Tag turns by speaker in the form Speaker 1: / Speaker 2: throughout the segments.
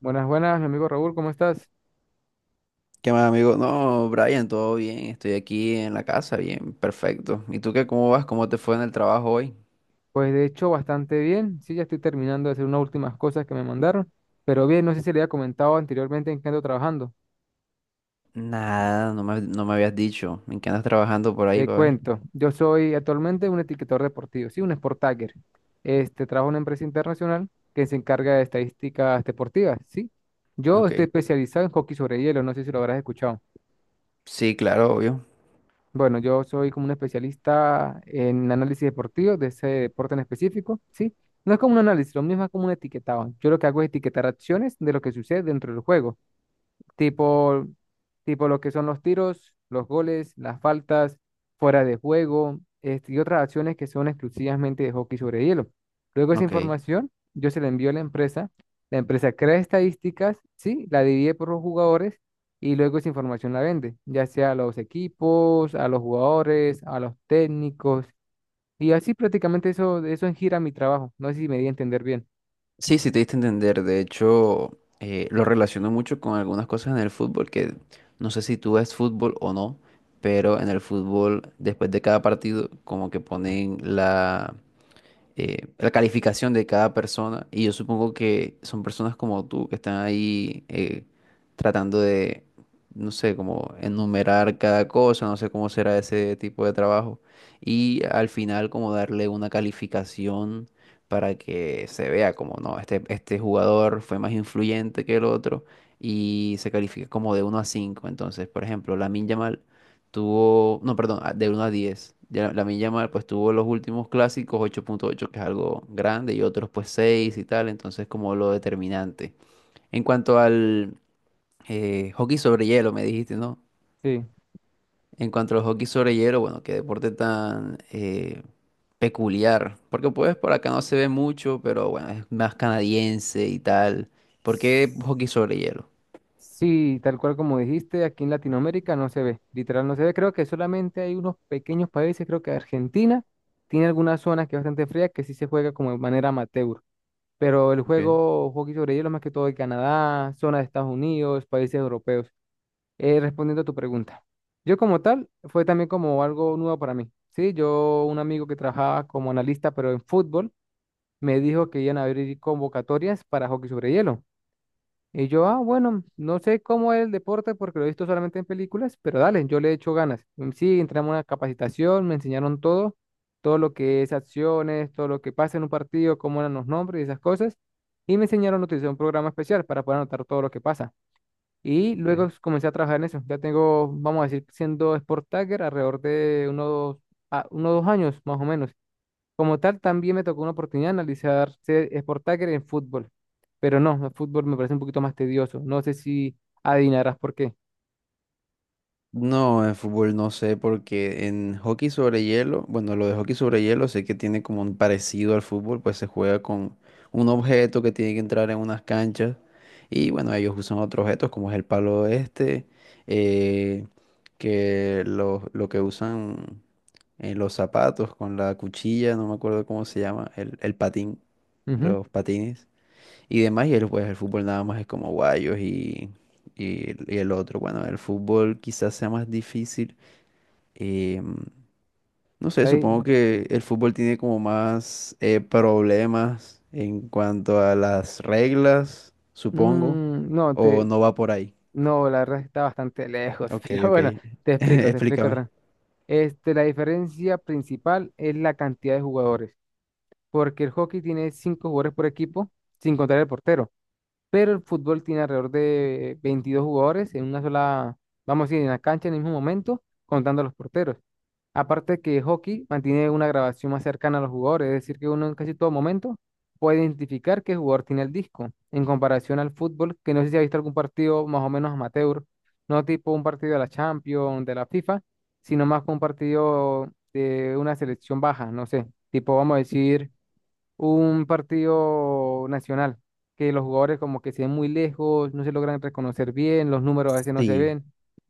Speaker 1: Buenas, buenas, mi amigo Raúl, ¿cómo estás?
Speaker 2: ¿Qué más, amigo? No, Brian, todo bien. Estoy aquí en la casa, bien, perfecto. ¿Y tú qué? ¿Cómo vas? ¿Cómo te fue en el trabajo hoy?
Speaker 1: Pues de hecho bastante bien, sí, ya estoy terminando de hacer unas últimas cosas que me mandaron, pero bien, no sé si le había comentado anteriormente en qué ando trabajando.
Speaker 2: Nada, no me habías dicho. ¿En qué andas trabajando por ahí,
Speaker 1: Te
Speaker 2: papá?
Speaker 1: cuento, yo soy actualmente un etiquetador deportivo, sí, un sport tagger. Trabajo en una empresa internacional que se encarga de estadísticas deportivas, sí. Yo
Speaker 2: Ok.
Speaker 1: estoy especializado en hockey sobre hielo, no sé si lo habrás escuchado.
Speaker 2: Sí, claro, obvio.
Speaker 1: Bueno, yo soy como un especialista en análisis deportivo, de ese deporte en específico, ¿sí? No es como un análisis, lo mismo es como un etiquetado. Yo lo que hago es etiquetar acciones de lo que sucede dentro del juego tipo, tipo lo que son los tiros, los goles, las faltas, fuera de juego, y otras acciones que son exclusivamente de hockey sobre hielo. Luego esa
Speaker 2: Ok.
Speaker 1: información yo se la envío a la empresa crea estadísticas, sí, la divide por los jugadores y luego esa información la vende, ya sea a los equipos, a los jugadores, a los técnicos, y así prácticamente eso, eso gira mi trabajo. No sé si me di a entender bien.
Speaker 2: Sí, sí, te diste a entender. De hecho, lo relaciono mucho con algunas cosas en el fútbol, que no sé si tú ves fútbol o no, pero en el fútbol, después de cada partido, como que ponen la calificación de cada persona. Y yo supongo que son personas como tú que están ahí tratando de, no sé, como enumerar cada cosa, no sé cómo será ese tipo de trabajo. Y al final como darle una calificación para que se vea como, no, este jugador fue más influyente que el otro y se califica como de uno a cinco. Entonces, por ejemplo, Lamine Yamal No, perdón, de uno a 10. Ya la Yamal pues tuvo los últimos clásicos 8.8, que es algo grande, y otros pues 6 y tal, entonces como lo determinante. En cuanto al hockey sobre hielo, me dijiste, ¿no? En cuanto al hockey sobre hielo, bueno, qué deporte tan peculiar, porque pues por acá no se ve mucho, pero bueno, es más canadiense y tal. ¿Por qué
Speaker 1: Sí.
Speaker 2: hockey sobre hielo?
Speaker 1: Sí, tal cual como dijiste, aquí en Latinoamérica no se ve, literal no se ve. Creo que solamente hay unos pequeños países, creo que Argentina tiene algunas zonas que es bastante fría que sí se juega como de manera amateur, pero el
Speaker 2: Okay,
Speaker 1: juego hockey sobre hielo más que todo de Canadá, zonas de Estados Unidos, países europeos. Respondiendo a tu pregunta, yo como tal fue también como algo nuevo para mí. Sí, yo un amigo que trabajaba como analista pero en fútbol me dijo que iban a abrir convocatorias para hockey sobre hielo. Y yo, ah, bueno, no sé cómo es el deporte porque lo he visto solamente en películas, pero dale, yo le he hecho ganas. Sí, entramos a una capacitación, me enseñaron todo, todo lo que es acciones, todo lo que pasa en un partido, cómo eran los nombres y esas cosas. Y me enseñaron a utilizar un programa especial para poder anotar todo lo que pasa. Y luego
Speaker 2: ok.
Speaker 1: comencé a trabajar en eso. Ya tengo, vamos a decir, siendo Sport Tagger alrededor de unos, unos dos años más o menos. Como tal, también me tocó una oportunidad de analizar ser Sport Tracker en fútbol, pero no, el fútbol me parece un poquito más tedioso. No sé si adivinarás por qué.
Speaker 2: No, en fútbol no sé, porque en hockey sobre hielo, bueno, lo de hockey sobre hielo sé que tiene como un parecido al fútbol, pues se juega con un objeto que tiene que entrar en unas canchas y bueno, ellos usan otros objetos como es el palo este, eh, que lo que usan en los zapatos con la cuchilla, no me acuerdo cómo se llama, el patín,
Speaker 1: Ujú,
Speaker 2: los patines y demás, y, el, pues, el fútbol nada más es como guayos y el y el otro. Bueno, el fútbol quizás sea más difícil. eh, no sé, supongo
Speaker 1: ahí,
Speaker 2: que el fútbol tiene como más problemas en cuanto a las reglas, supongo,
Speaker 1: no,
Speaker 2: o no va por ahí.
Speaker 1: no, la verdad está bastante lejos,
Speaker 2: Ok,
Speaker 1: pero
Speaker 2: ok.
Speaker 1: bueno, te explico
Speaker 2: Explícame.
Speaker 1: otra. La diferencia principal es la cantidad de jugadores, porque el hockey tiene 5 jugadores por equipo, sin contar el portero. Pero el fútbol tiene alrededor de 22 jugadores en una sola, vamos a decir, en la cancha en el mismo momento, contando a los porteros. Aparte que hockey mantiene una grabación más cercana a los jugadores, es decir, que uno en casi todo momento puede identificar qué jugador tiene el disco, en comparación al fútbol, que no sé si ha visto algún partido más o menos amateur, no tipo un partido de la Champions, de la FIFA, sino más que un partido de una selección baja, no sé, tipo vamos a decir un partido nacional, que los jugadores como que se ven muy lejos, no se logran reconocer bien, los números a veces no se
Speaker 2: Sí.
Speaker 1: ven,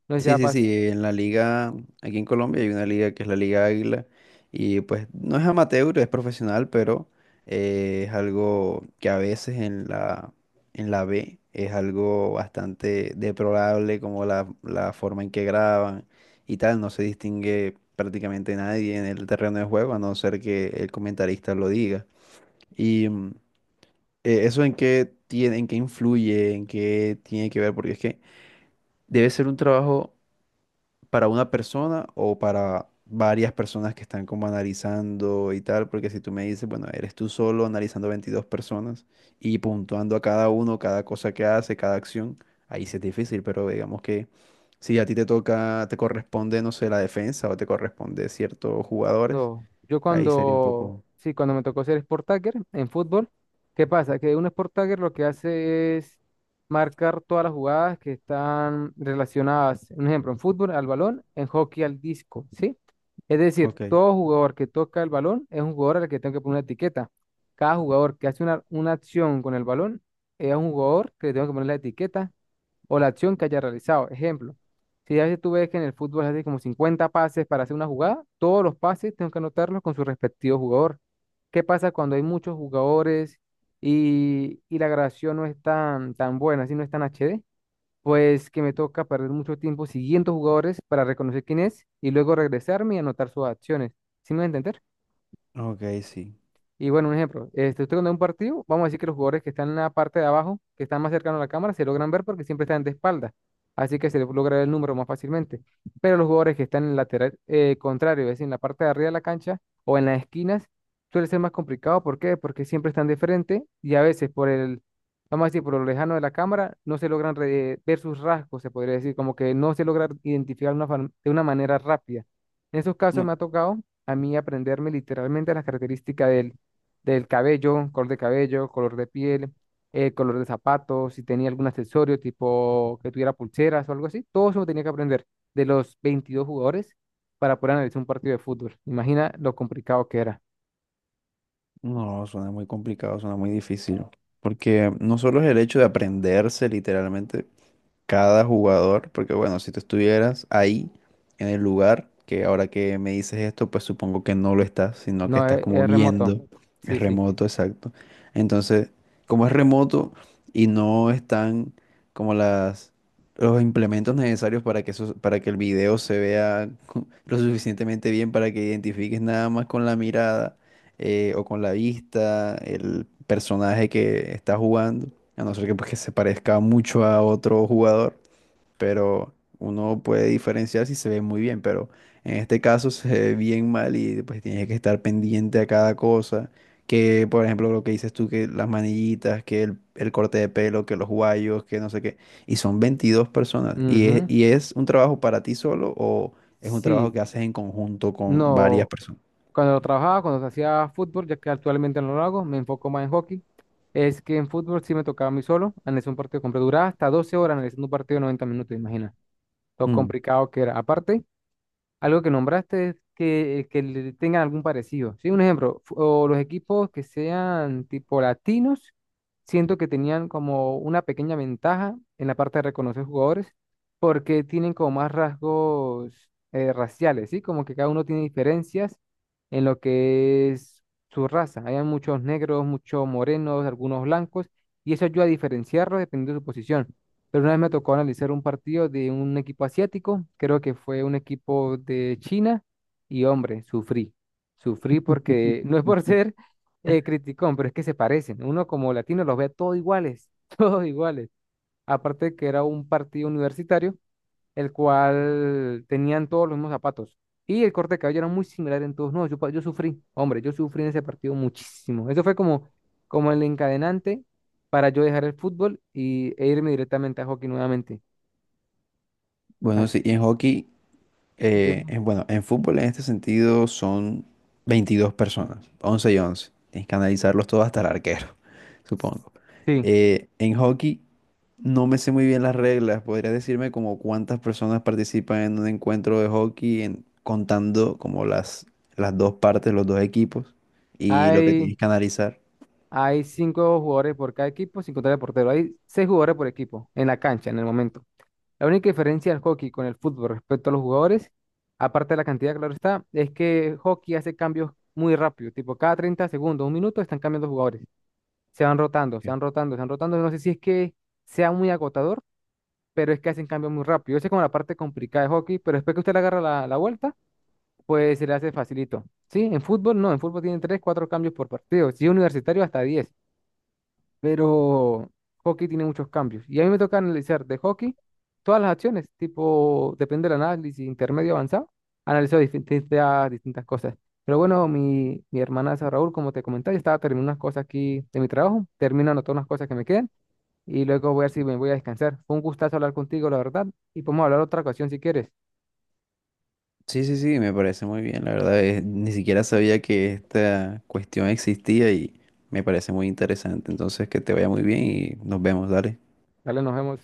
Speaker 1: no sé si
Speaker 2: Sí,
Speaker 1: ha
Speaker 2: sí, sí, en la liga, aquí en Colombia hay una liga que es la Liga Águila y pues no es amateur, es profesional, pero es algo que a veces en la B es algo bastante deplorable como la forma en que graban y tal, no se distingue prácticamente nadie en el terreno de juego a no ser que el comentarista lo diga. Y mm, Eso en qué tiene, en qué influye, en qué tiene que ver, porque es que debe ser un trabajo para una persona o para varias personas que están como analizando y tal, porque si tú me dices, bueno, eres tú solo analizando 22 personas y puntuando a cada uno, cada cosa que hace, cada acción, ahí sí es difícil, pero digamos que si a ti te toca, te corresponde, no sé, la defensa o te corresponde ciertos jugadores,
Speaker 1: No, yo
Speaker 2: ahí sería un
Speaker 1: cuando,
Speaker 2: poco...
Speaker 1: sí, cuando me tocó ser sport tagger en fútbol, ¿qué pasa? Que un sport tagger lo que hace es marcar todas las jugadas que están relacionadas, un ejemplo, en fútbol al balón, en hockey al disco, ¿sí? Es decir,
Speaker 2: Ok,
Speaker 1: todo jugador que toca el balón es un jugador al que tengo que poner una etiqueta. Cada jugador que hace una acción con el balón es un jugador que le tengo que poner la etiqueta o la acción que haya realizado. Ejemplo, si a veces tú ves que en el fútbol hace como 50 pases para hacer una jugada, todos los pases tengo que anotarlos con su respectivo jugador. ¿Qué pasa cuando hay muchos jugadores y la grabación no es tan buena, si no es tan HD? Pues que me toca perder mucho tiempo siguiendo jugadores para reconocer quién es y luego regresarme y anotar sus acciones. ¿Sí me voy a entender?
Speaker 2: ok, sí.
Speaker 1: Y bueno, un ejemplo, este, usted cuando ve un partido, vamos a decir que los jugadores que están en la parte de abajo, que están más cercanos a la cámara, se logran ver porque siempre están de espalda. Así que se logra ver el número más fácilmente. Pero los jugadores que están en el lateral contrario, es decir, en la parte de arriba de la cancha o en las esquinas, suele ser más complicado. ¿Por qué? Porque siempre están de frente y a veces vamos a decir, por lo lejano de la cámara, no se logran ver sus rasgos, se podría decir, como que no se logra identificar una de una manera rápida. En esos casos
Speaker 2: No,
Speaker 1: me ha tocado a mí aprenderme literalmente las características del cabello, color de piel, color de zapatos, si tenía algún accesorio tipo que tuviera pulseras o algo así. Todo eso lo tenía que aprender de los 22 jugadores para poder analizar un partido de fútbol. Imagina lo complicado que era.
Speaker 2: no, suena muy complicado, suena muy difícil. Porque no solo es el hecho de aprenderse literalmente, cada jugador, porque bueno, si tú estuvieras ahí en el lugar, que ahora que me dices esto, pues supongo que no lo estás, sino que
Speaker 1: No,
Speaker 2: estás como
Speaker 1: es remoto.
Speaker 2: viendo, es
Speaker 1: Sí, sí.
Speaker 2: remoto, exacto. Entonces, como es remoto y no están como las los implementos necesarios para que eso, para que el video se vea lo suficientemente bien para que identifiques nada más con la mirada o con la vista, el personaje que está jugando, a no ser que, pues, que se parezca mucho a otro jugador, pero uno puede diferenciar si se ve muy bien, pero en este caso se ve bien mal y pues tienes que estar pendiente a cada cosa, que por ejemplo lo que dices tú, que las manillitas, que el corte de pelo, que los guayos, que no sé qué, y son 22 personas, y es,
Speaker 1: Ujú.
Speaker 2: y es un trabajo para ti solo o es un trabajo
Speaker 1: Sí,
Speaker 2: que haces en conjunto con varias
Speaker 1: no.
Speaker 2: personas.
Speaker 1: Cuando trabajaba, cuando hacía fútbol, ya que actualmente no lo hago, me enfoco más en hockey. Es que en fútbol sí me tocaba a mí solo analizar un partido completo. Duraba hasta 12 horas analizando un partido de 90 minutos, imagina. Lo
Speaker 2: Mm.
Speaker 1: complicado que era. Aparte, algo que nombraste es que le tengan algún parecido. Sí, un ejemplo, o los equipos que sean tipo latinos, siento que tenían como una pequeña ventaja en la parte de reconocer jugadores, porque tienen como más rasgos raciales, ¿sí? Como que cada uno tiene diferencias en lo que es su raza. Hay muchos negros, muchos morenos, algunos blancos, y eso ayuda a diferenciarlos dependiendo de su posición. Pero una vez me tocó analizar un partido de un equipo asiático, creo que fue un equipo de China, y hombre, sufrí. Sufrí porque no es por ser criticón, pero es que se parecen. Uno como latino los ve todos iguales, todos iguales. Aparte que era un partido universitario, el cual tenían todos los mismos zapatos. Y el corte de cabello era muy similar en todos. No, yo, yo sufrí, hombre, yo sufrí en ese partido muchísimo. Eso fue como, como el encadenante para yo dejar el fútbol y, e irme directamente a hockey nuevamente.
Speaker 2: Bueno,
Speaker 1: Así
Speaker 2: sí, y en hockey,
Speaker 1: que,
Speaker 2: bueno, en fútbol en este sentido son 22 personas, 11 y 11. Tienes que analizarlos todos hasta el arquero, supongo.
Speaker 1: sí,
Speaker 2: En hockey no me sé muy bien las reglas. ¿Podrías decirme como cuántas personas participan en un encuentro de hockey, contando como las dos partes, los dos equipos y lo que
Speaker 1: hay,
Speaker 2: tienes que analizar?
Speaker 1: hay 5 jugadores por cada equipo, sin contar el portero. Hay 6 jugadores por equipo en la cancha en el momento. La única diferencia del hockey con el fútbol respecto a los jugadores, aparte de la cantidad, claro está, es que el hockey hace cambios muy rápido, tipo cada 30 segundos, un minuto están cambiando jugadores, se van rotando, se van rotando, se van rotando, no sé si es que sea muy agotador, pero es que hacen cambios muy rápido. Esa es como la parte complicada de hockey, pero después que usted le agarra la vuelta, pues se le hace facilito. Sí, en fútbol no, en fútbol tienen 3 4 cambios por partido, si es universitario hasta 10 pero hockey tiene muchos cambios. Y a mí me toca analizar de hockey todas las acciones, tipo, depende del análisis intermedio avanzado, analizo distintas cosas. Pero bueno, mi hermanaza Raúl, como te comentaba, yo estaba terminando unas cosas aquí de mi trabajo, termino anotando unas cosas que me quedan y luego voy a ver si me voy a descansar. Fue un gustazo hablar contigo, la verdad, y podemos hablar otra ocasión si quieres.
Speaker 2: Sí, sí, sí, me parece muy bien, la verdad. Ni siquiera sabía que esta cuestión existía y me parece muy interesante. Entonces, que te vaya muy bien y nos vemos, dale.
Speaker 1: Dale, nos vemos.